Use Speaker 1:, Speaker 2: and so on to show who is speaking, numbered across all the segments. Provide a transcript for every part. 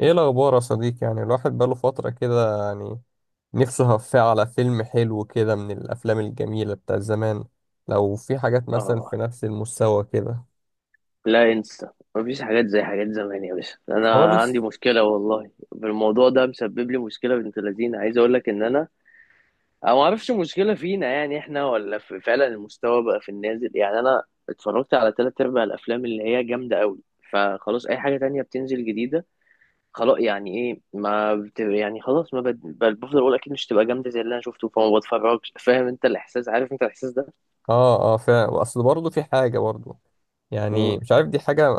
Speaker 1: ايه الاخبار يا صديقي؟ يعني الواحد بقاله فترة كده، يعني نفسه هفاه على فيلم حلو كده من الافلام الجميلة بتاع زمان. لو في حاجات مثلا
Speaker 2: اه.
Speaker 1: في نفس المستوى كده
Speaker 2: لا انسى. مفيش حاجات زي حاجات زمان يا باشا. انا عندي
Speaker 1: خالص.
Speaker 2: مشكله والله، بالموضوع ده مسبب لي مشكله بنت لذينه، عايز اقول لك ان انا ما اعرفش المشكله فينا، يعني احنا ولا في فعلا المستوى بقى في النازل؟ يعني انا اتفرجت على تلات ارباع الافلام اللي هي جامده قوي، فخلاص اي حاجه تانية بتنزل جديده خلاص يعني ايه، ما بت... يعني خلاص ما بد... بل- بفضل اقول اكيد مش تبقى جامده زي اللي انا شفته فما بتفرجش. فاهم انت الاحساس؟ عارف انت الاحساس ده.
Speaker 1: اه اه فعلا، اصل برضه في حاجة برضه،
Speaker 2: مم.
Speaker 1: يعني مش عارف دي حاجة.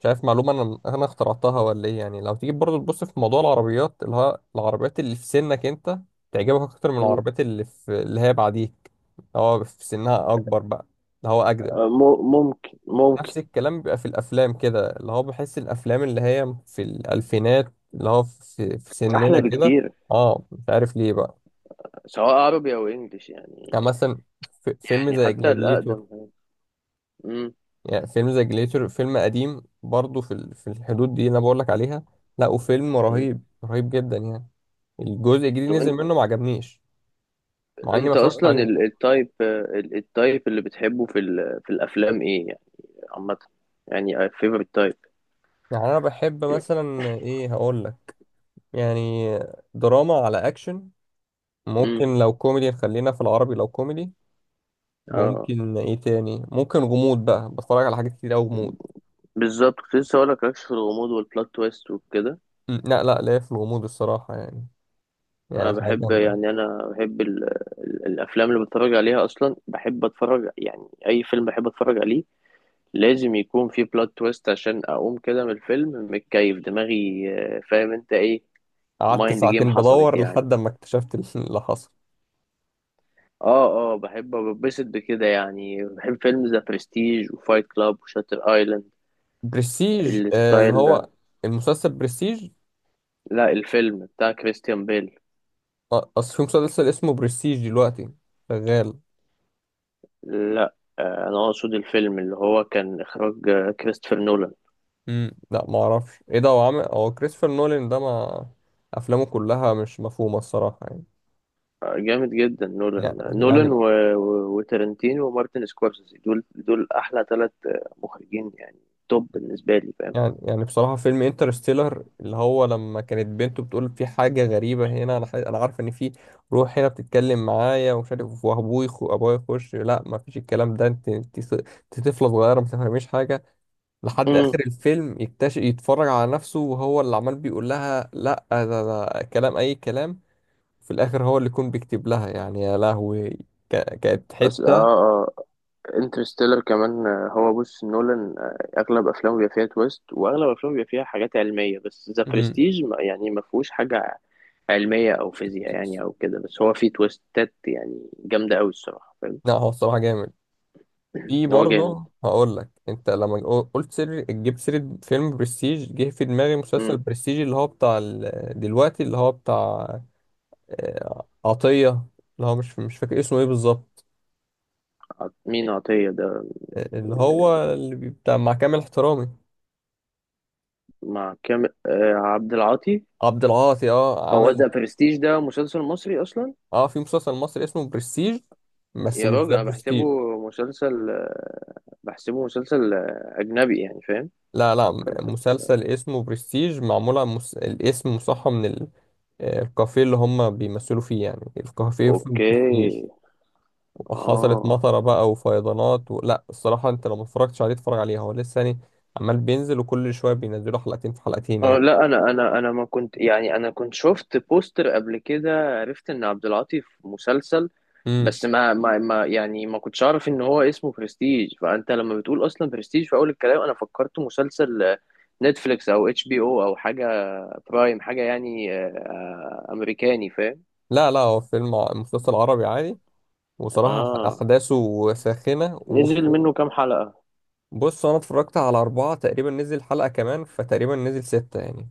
Speaker 1: مش عارف معلومة انا اخترعتها ولا ايه، يعني لو تيجي برضه تبص في موضوع العربيات، اللي هو العربيات اللي في سنك انت تعجبك اكتر من
Speaker 2: مم.
Speaker 1: العربيات اللي في اللي هي بعديك، اللي هو في سنها اكبر بقى، اللي هو اجدد.
Speaker 2: ممكن.
Speaker 1: نفس الكلام بيبقى في الافلام كده، اللي هو بحس الافلام اللي هي في الالفينات اللي هو في سننا
Speaker 2: احلى
Speaker 1: كده.
Speaker 2: بكتير،
Speaker 1: اه مش عارف ليه بقى.
Speaker 2: سواء عربي او انجليش
Speaker 1: يعني
Speaker 2: يعني.
Speaker 1: مثلا في فيلم
Speaker 2: يعني
Speaker 1: زي
Speaker 2: حتى الاقدم
Speaker 1: جلاديتور.
Speaker 2: هو. امم
Speaker 1: يعني فيلم زي جلاديتور فيلم قديم برضه في في الحدود دي اللي انا بقول لك عليها. لا، وفيلم
Speaker 2: أمم.
Speaker 1: رهيب رهيب جدا يعني. الجزء الجديد
Speaker 2: طب
Speaker 1: نزل
Speaker 2: انت
Speaker 1: منه ما عجبنيش، مع اني ما
Speaker 2: انت
Speaker 1: اتفرجتش
Speaker 2: اصلا
Speaker 1: عليه.
Speaker 2: التايب، التايب اللي بتحبه في في الافلام ايه يعني؟ عامه، يعني فيفرت تايب.
Speaker 1: يعني انا بحب مثلا ايه هقول لك؟ يعني دراما على اكشن.
Speaker 2: امم
Speaker 1: ممكن لو كوميدي نخلينا في العربي لو كوميدي.
Speaker 2: اه
Speaker 1: ممكن ايه تاني؟ ممكن غموض بقى، بتفرج على حاجات كتير قوي غموض.
Speaker 2: بالظبط، كنت لسه هقول لك ركش في الغموض والبلوت تويست وكده.
Speaker 1: لا لا لا، في الغموض الصراحة يعني،
Speaker 2: انا
Speaker 1: يعني حاجة
Speaker 2: بحب،
Speaker 1: جامدة.
Speaker 2: يعني انا بحب ال ال الافلام اللي بتفرج عليها اصلا، بحب اتفرج يعني اي فيلم بحب اتفرج عليه لازم يكون فيه بلوت تويست عشان اقوم كده من الفيلم متكيف دماغي. فاهم انت ايه؟
Speaker 1: قعدت
Speaker 2: مايند جيم
Speaker 1: ساعتين
Speaker 2: حصلت
Speaker 1: بدور
Speaker 2: يعني.
Speaker 1: لحد ما اكتشفت اللي حصل.
Speaker 2: اه اه، بحب ببسط بكده يعني، بحب فيلم ذا برستيج وفايت كلاب وشاتر ايلاند،
Speaker 1: برستيج آه، اللي
Speaker 2: الستايل ده.
Speaker 1: هو المسلسل برستيج.
Speaker 2: لا، الفيلم بتاع كريستيان بيل.
Speaker 1: آه، اصل في مسلسل اسمه برستيج دلوقتي شغال.
Speaker 2: لا انا اقصد الفيلم اللي هو كان اخراج كريستوفر نولان.
Speaker 1: لا ما اعرفش ايه ده. هو عامل، هو كريستوفر نولان ده، ما افلامه كلها مش مفهومة الصراحة يعني.
Speaker 2: جامد جدا
Speaker 1: يعني
Speaker 2: نولان، نولان
Speaker 1: يعني
Speaker 2: و... و... وترنتينو ومارتن سكورسيزي، دول احلى ثلاث مخرجين يعني، توب بالنسبه لي. فاهم؟
Speaker 1: يعني يعني بصراحة فيلم انترستيلر، اللي هو لما كانت بنته بتقول في حاجة غريبة هنا، أنا أنا عارف إن في روح هنا بتتكلم معايا ومش عارف، وأبوي أبويا يخش، لا ما فيش الكلام ده، أنت أنت أنت طفلة صغيرة ما تفهميش حاجة. لحد
Speaker 2: امم
Speaker 1: آخر الفيلم يكتشف يتفرج على نفسه وهو اللي عمال بيقول لها لا، ده كلام أي كلام. في الآخر هو اللي يكون بيكتب لها، يعني يا لهوي. كانت
Speaker 2: اه
Speaker 1: حتة.
Speaker 2: اه. انترستيلر كمان هو بص، نولان اغلب افلامه بيبقى فيها تويست، واغلب افلامه بيبقى فيها حاجات علميه، بس ذا
Speaker 1: مم.
Speaker 2: برستيج يعني ما فيهوش حاجه علميه او فيزياء يعني او كده، بس هو فيه تويستات يعني جامده قوي الصراحه. فاهم؟
Speaker 1: لا هو الصراحة جامد. في
Speaker 2: إن هو جامد.
Speaker 1: برضه هقول لك، انت لما قلت سر جبت سيرة فيلم برستيج جه في دماغي مسلسل
Speaker 2: مم.
Speaker 1: برستيج اللي هو بتاع دلوقتي اللي هو بتاع آه، عطية، اللي هو مش فاكر اسمه ايه بالظبط.
Speaker 2: مين عطيه ده؟
Speaker 1: آه، اللي
Speaker 2: يعني
Speaker 1: هو اللي بتاع مع كامل احترامي،
Speaker 2: مع كام، عبد العاطي.
Speaker 1: عبد العاطي، اه
Speaker 2: هو
Speaker 1: عامل.
Speaker 2: ذا برستيج ده مسلسل مصري اصلا؟
Speaker 1: اه في مسلسل مصري اسمه برستيج، بس
Speaker 2: يا
Speaker 1: مش
Speaker 2: راجل
Speaker 1: ده
Speaker 2: انا بحسبه
Speaker 1: برستيج.
Speaker 2: مسلسل بحسبه مسلسل اجنبي يعني. فاهم؟
Speaker 1: لا لا. مسلسل اسمه برستيج معمول عن مس... الاسم مصحى من ال... آه، الكافيه اللي هم بيمثلوا فيه، يعني الكافيه اسمه
Speaker 2: اوكي.
Speaker 1: برستيج. حصلت
Speaker 2: اه
Speaker 1: مطره بقى وفيضانات و... لا الصراحه انت لو ما اتفرجتش عليه اتفرج عليه، هو لسه يعني عمال بينزل، وكل شويه بينزلوا حلقتين في حلقتين
Speaker 2: اه.
Speaker 1: يعني.
Speaker 2: لا انا ما كنت، يعني انا كنت شفت بوستر قبل كده عرفت ان عبد العاطي في مسلسل،
Speaker 1: امم،
Speaker 2: بس ما يعني ما كنتش اعرف ان هو اسمه برستيج. فانت لما بتقول اصلا برستيج في اول الكلام انا فكرت مسلسل نتفليكس او HBO، حاجه، برايم حاجه يعني. امريكاني. فاهم؟
Speaker 1: لا لا هو فيلم مسلسل عربي عادي، وصراحه
Speaker 2: اه.
Speaker 1: احداثه ساخنه.
Speaker 2: نزل منه كام حلقه؟
Speaker 1: وبص انا اتفرجت على اربعه تقريبا، نزل حلقه كمان، فتقريبا نزل سته يعني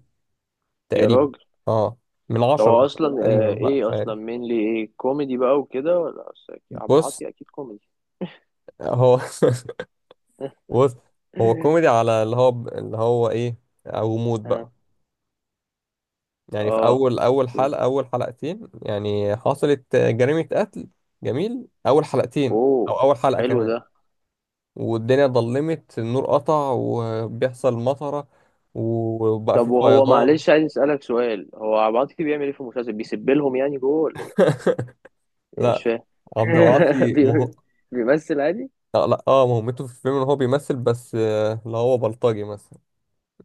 Speaker 2: يا
Speaker 1: تقريبا.
Speaker 2: راجل
Speaker 1: اه، من
Speaker 2: ده هو
Speaker 1: عشره
Speaker 2: اصلا
Speaker 1: تقريبا
Speaker 2: آه،
Speaker 1: بقى مش
Speaker 2: ايه
Speaker 1: عارف.
Speaker 2: اصلا مين ايه كوميدي بقى وكده ولا عبد
Speaker 1: بص،
Speaker 2: العاطي اكيد كوميدي.
Speaker 1: هو بص، هو كوميدي على اللي هو اللي هو ايه او مود بقى.
Speaker 2: اه.
Speaker 1: يعني في اول اول
Speaker 2: اوكي.
Speaker 1: حلقه، اول حلقتين يعني حصلت جريمه قتل. جميل، اول حلقتين
Speaker 2: اوه،
Speaker 1: او اول حلقه
Speaker 2: حلو
Speaker 1: كمان
Speaker 2: ده.
Speaker 1: والدنيا ضلمت، النور قطع وبيحصل مطره وبقى
Speaker 2: طب
Speaker 1: في
Speaker 2: وهو،
Speaker 1: فيضان.
Speaker 2: معلش، عايز اسالك سؤال، هو عبعاطي بيعمل ايه في المسلسل؟ بيسب لهم يعني جوه ولا ايه؟ يعني مش
Speaker 1: لا
Speaker 2: فاهم.
Speaker 1: عبد العاطي
Speaker 2: بي-
Speaker 1: مه...
Speaker 2: بيمثل عادي.
Speaker 1: لا, اه مهمته في الفيلم ان هو بيمثل بس آه، اللي هو بلطجي مثلا،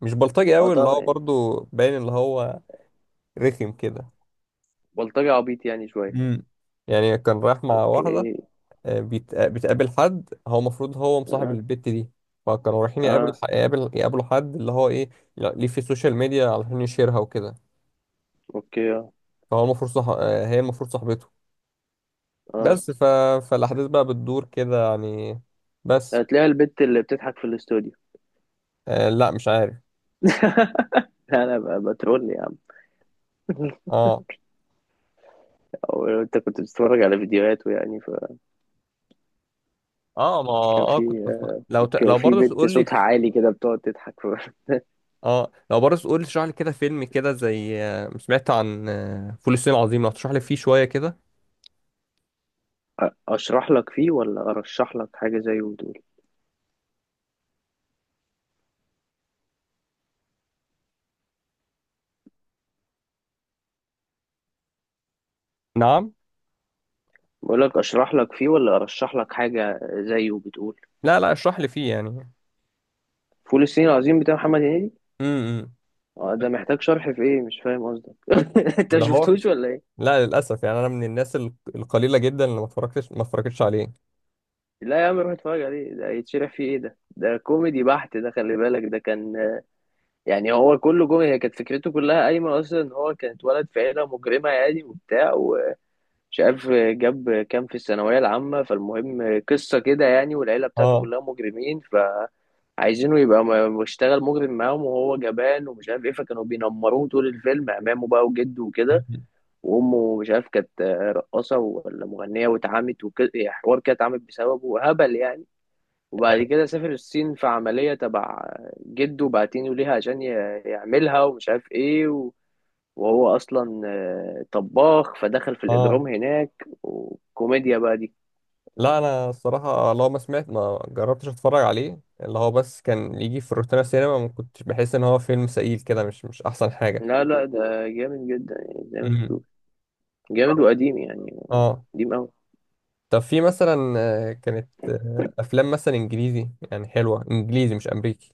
Speaker 1: مش بلطجي
Speaker 2: اه
Speaker 1: قوي اللي
Speaker 2: طبعا
Speaker 1: هو
Speaker 2: يعني.
Speaker 1: برضو باين، اللي هو رخم كده.
Speaker 2: بلطجي عبيط يعني شويه.
Speaker 1: امم، يعني كان رايح مع واحده،
Speaker 2: اوكي.
Speaker 1: آه، آه، بتقابل حد، هو المفروض هو مصاحب
Speaker 2: اه
Speaker 1: البت دي. فكانوا رايحين يقابل
Speaker 2: اه.
Speaker 1: يقابل يقابلوا حد اللي هو ايه ليه في السوشيال ميديا علشان يشيرها وكده.
Speaker 2: اوكي. اه
Speaker 1: فهو المفروض صح... آه، هي المفروض صاحبته،
Speaker 2: اه.
Speaker 1: بس ف... فالاحداث بقى بتدور كده يعني، بس.
Speaker 2: هتلاقي البت اللي بتضحك في الاستوديو.
Speaker 1: آه لا مش عارف.
Speaker 2: لا، بترول يا عم.
Speaker 1: اه
Speaker 2: او انت كنت بتتفرج على فيديوهاته يعني؟
Speaker 1: اه ما
Speaker 2: فكان
Speaker 1: اه كنت
Speaker 2: في،
Speaker 1: لو ت...
Speaker 2: كان
Speaker 1: لو
Speaker 2: في
Speaker 1: برضه
Speaker 2: بنت
Speaker 1: تقول لي.
Speaker 2: صوتها عالي كده بتقعد تضحك. ف-
Speaker 1: اه لو برضه تقول لي تشرح لي كده فيلم كده زي آه، سمعت عن آه، فول الصين العظيم لو تشرح لي فيه شوية كده.
Speaker 2: اشرح لك فيه ولا ارشح لك حاجه زيه وتقول؟
Speaker 1: نعم؟
Speaker 2: بقولك اشرح لك فيه ولا ارشح لك حاجه زيه بتقول.
Speaker 1: لا لا اشرح لي فيه يعني.
Speaker 2: فول الصين العظيم بتاع محمد هنيدي؟
Speaker 1: امم،
Speaker 2: ده محتاج شرح في ايه؟ مش فاهم قصدك. انت
Speaker 1: اللي هو
Speaker 2: مشفتوش ولا ايه؟
Speaker 1: لا للاسف، يعني انا من الناس القليله جدا اللي ما اتفرجتش عليه.
Speaker 2: لا يا عم روح اتفرج عليه، ده يتشرح فيه ايه؟ ده ده كوميدي بحت، ده خلي بالك ده كان، يعني هو كله كوميدي. هي كانت فكرته كلها قايمه اصلا ان هو كان اتولد في عيله مجرمه يعني، وبتاع، ومش عارف جاب كام في الثانويه العامه، فالمهم قصه كده يعني، والعيله بتاعته
Speaker 1: اه
Speaker 2: كلها مجرمين عايزينه يبقى بيشتغل مجرم معاهم، وهو جبان ومش عارف ايه، فكانوا بينمروه طول الفيلم، امامه بقى وجده وكده، وامه مش عارف كانت رقاصه ولا مغنيه، واتعمت وكده يعني، حوار كده اتعمت بسببه هبل يعني، وبعد كده سافر الصين في عمليه تبع جده بعتينه ليها عشان يعملها، ومش عارف ايه، و- وهو اصلا طباخ، فدخل في
Speaker 1: اه.
Speaker 2: الاجرام هناك وكوميديا بقى دي.
Speaker 1: لا انا الصراحه لو ما سمعت ما جربتش اتفرج عليه، اللي هو بس كان يجي في روتانا سينما، ما كنتش بحس ان هو فيلم ثقيل كده، مش مش احسن حاجه.
Speaker 2: لا لا ده جامد جدا يعني، زي ما شفتوه
Speaker 1: امم،
Speaker 2: جامد وقديم يعني.
Speaker 1: اه.
Speaker 2: قديم.
Speaker 1: طب في مثلا آه، كانت آه، افلام مثلا انجليزي يعني حلوه، انجليزي مش امريكي.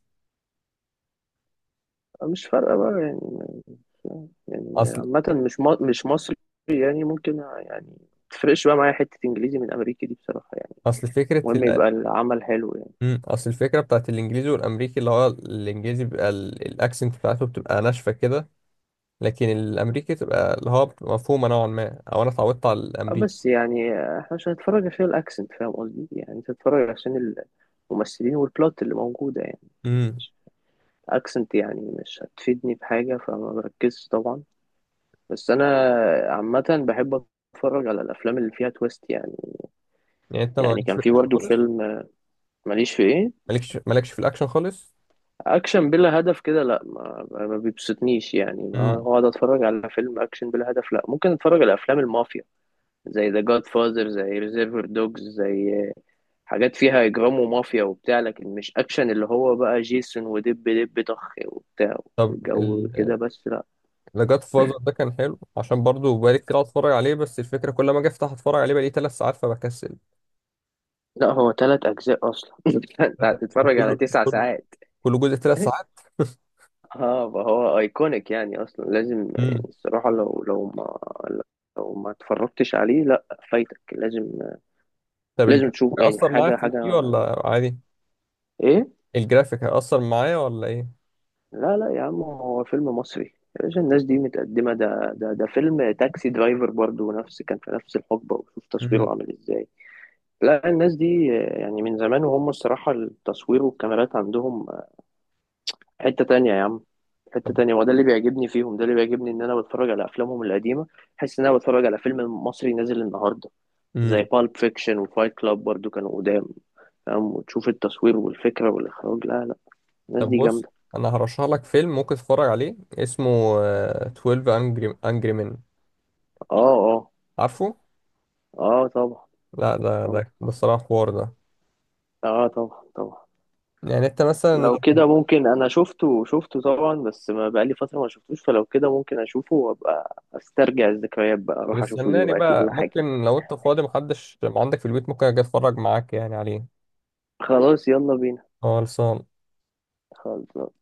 Speaker 2: مش فارقة بقى يعني، يعني
Speaker 1: اصل
Speaker 2: عامة مش مش مصري يعني ممكن يعني، متفرقش بقى معايا حتة إنجليزي من أمريكي دي بصراحة يعني،
Speaker 1: اصل فكره
Speaker 2: المهم
Speaker 1: ال...
Speaker 2: يبقى العمل حلو يعني.
Speaker 1: مم، اصل الفكره بتاعت الانجليزي والامريكي، اللي هو الانجليزي بيبقى الاكسنت بتاعته بتبقى ناشفه كده، لكن الامريكي بتبقى اللي هو بتبقى مفهومه نوعا ما، او انا اتعودت على
Speaker 2: أه
Speaker 1: الامريكي.
Speaker 2: بس يعني إحنا مش هنتفرج عشان الأكسنت. فاهم قصدي يعني؟ أنت هتتفرج عشان الممثلين والبلوت اللي موجودة يعني،
Speaker 1: امم.
Speaker 2: مش أكسنت يعني مش هتفيدني بحاجة فما بركزش طبعا. بس أنا عامة بحب أتفرج على الأفلام اللي فيها تويست يعني.
Speaker 1: يعني انت
Speaker 2: يعني
Speaker 1: مالكش
Speaker 2: كان
Speaker 1: في
Speaker 2: في
Speaker 1: الاكشن
Speaker 2: برضه
Speaker 1: خالص؟
Speaker 2: فيلم. ماليش في إيه؟
Speaker 1: مالكش في الاكشن خالص؟
Speaker 2: اكشن بلا هدف كده لا، ما بيبسطنيش يعني، ما
Speaker 1: امم.
Speaker 2: هو اقعد اتفرج على فيلم اكشن بلا هدف؟ لا، ممكن اتفرج على افلام المافيا زي ذا جاد فازر، زي ريزيرفر دوجز، زي حاجات فيها اجرام ومافيا وبتاع، لكن مش اكشن اللي هو بقى جيسون ودب دب طخ وبتاع
Speaker 1: طب
Speaker 2: وجو كده، بس لا.
Speaker 1: ذا جاد فازر ده كان حلو، عشان برضه بقالي كتير قاعد اتفرج عليه، بس الفكره كل ما اجي افتح اتفرج عليه بقالي ثلاث ساعات فبكسل.
Speaker 2: لا هو ثلاث اجزاء اصلا، انت هتتفرج على
Speaker 1: وكله
Speaker 2: تسع
Speaker 1: كله
Speaker 2: ساعات
Speaker 1: كل جزء ثلاث ساعات.
Speaker 2: اه فهو ايكونيك يعني، اصلا لازم يعني
Speaker 1: امم.
Speaker 2: الصراحه لو ما اتفرجتش عليه لا، فايتك. لازم،
Speaker 1: طب
Speaker 2: لازم
Speaker 1: الجرافيك
Speaker 2: تشوف يعني
Speaker 1: هيأثر معايا
Speaker 2: حاجة.
Speaker 1: في
Speaker 2: حاجة
Speaker 1: الفي ولا عادي؟
Speaker 2: إيه؟
Speaker 1: الجرافيك هيأثر معايا ولا ايه؟
Speaker 2: لا لا يا عم هو فيلم مصري يا باشا، الناس دي متقدمة، ده فيلم تاكسي درايفر برضو نفس، كان في نفس الحقبة، وشوف تصويره
Speaker 1: امم.
Speaker 2: عامل إزاي. لا الناس دي يعني من زمان وهم الصراحة التصوير والكاميرات عندهم حتة تانية يا عم، حتة تانية. وده اللي بيعجبني فيهم، ده اللي بيعجبني إن أنا بتفرج على أفلامهم القديمة بحس إن أنا بتفرج على فيلم مصري نازل النهاردة. زي
Speaker 1: طب
Speaker 2: بالب فيكشن وفايت كلاب برضو، كانوا قدام. فاهم؟ وتشوف التصوير والفكرة والإخراج، لا لا، الناس
Speaker 1: طب
Speaker 2: دي
Speaker 1: بص،
Speaker 2: جامدة.
Speaker 1: انا هرشح لك فيلم ممكن تتفرج عليه، اسمه آه، 12 انجري مان.
Speaker 2: اه اه.
Speaker 1: عارفه؟
Speaker 2: اه طبعا
Speaker 1: لا ده
Speaker 2: طبعا.
Speaker 1: ده ده الصراحه حوار ده.
Speaker 2: اه طبعا طبعا.
Speaker 1: يعني انت مثلا لو
Speaker 2: لو كده ممكن، انا شفته شفته طبعا بس ما بقالي فترة ما شفتوش، فلو كده ممكن اشوفه وابقى استرجع الذكريات بقى، اروح اشوفه
Speaker 1: بتستناني
Speaker 2: دلوقتي
Speaker 1: بقى،
Speaker 2: ولا حاجة؟
Speaker 1: ممكن لو انت فاضي محدش ما عندك في البيت ممكن اجي اتفرج معاك يعني عليه.
Speaker 2: خلاص يلا بينا.
Speaker 1: خالص.
Speaker 2: خلاص.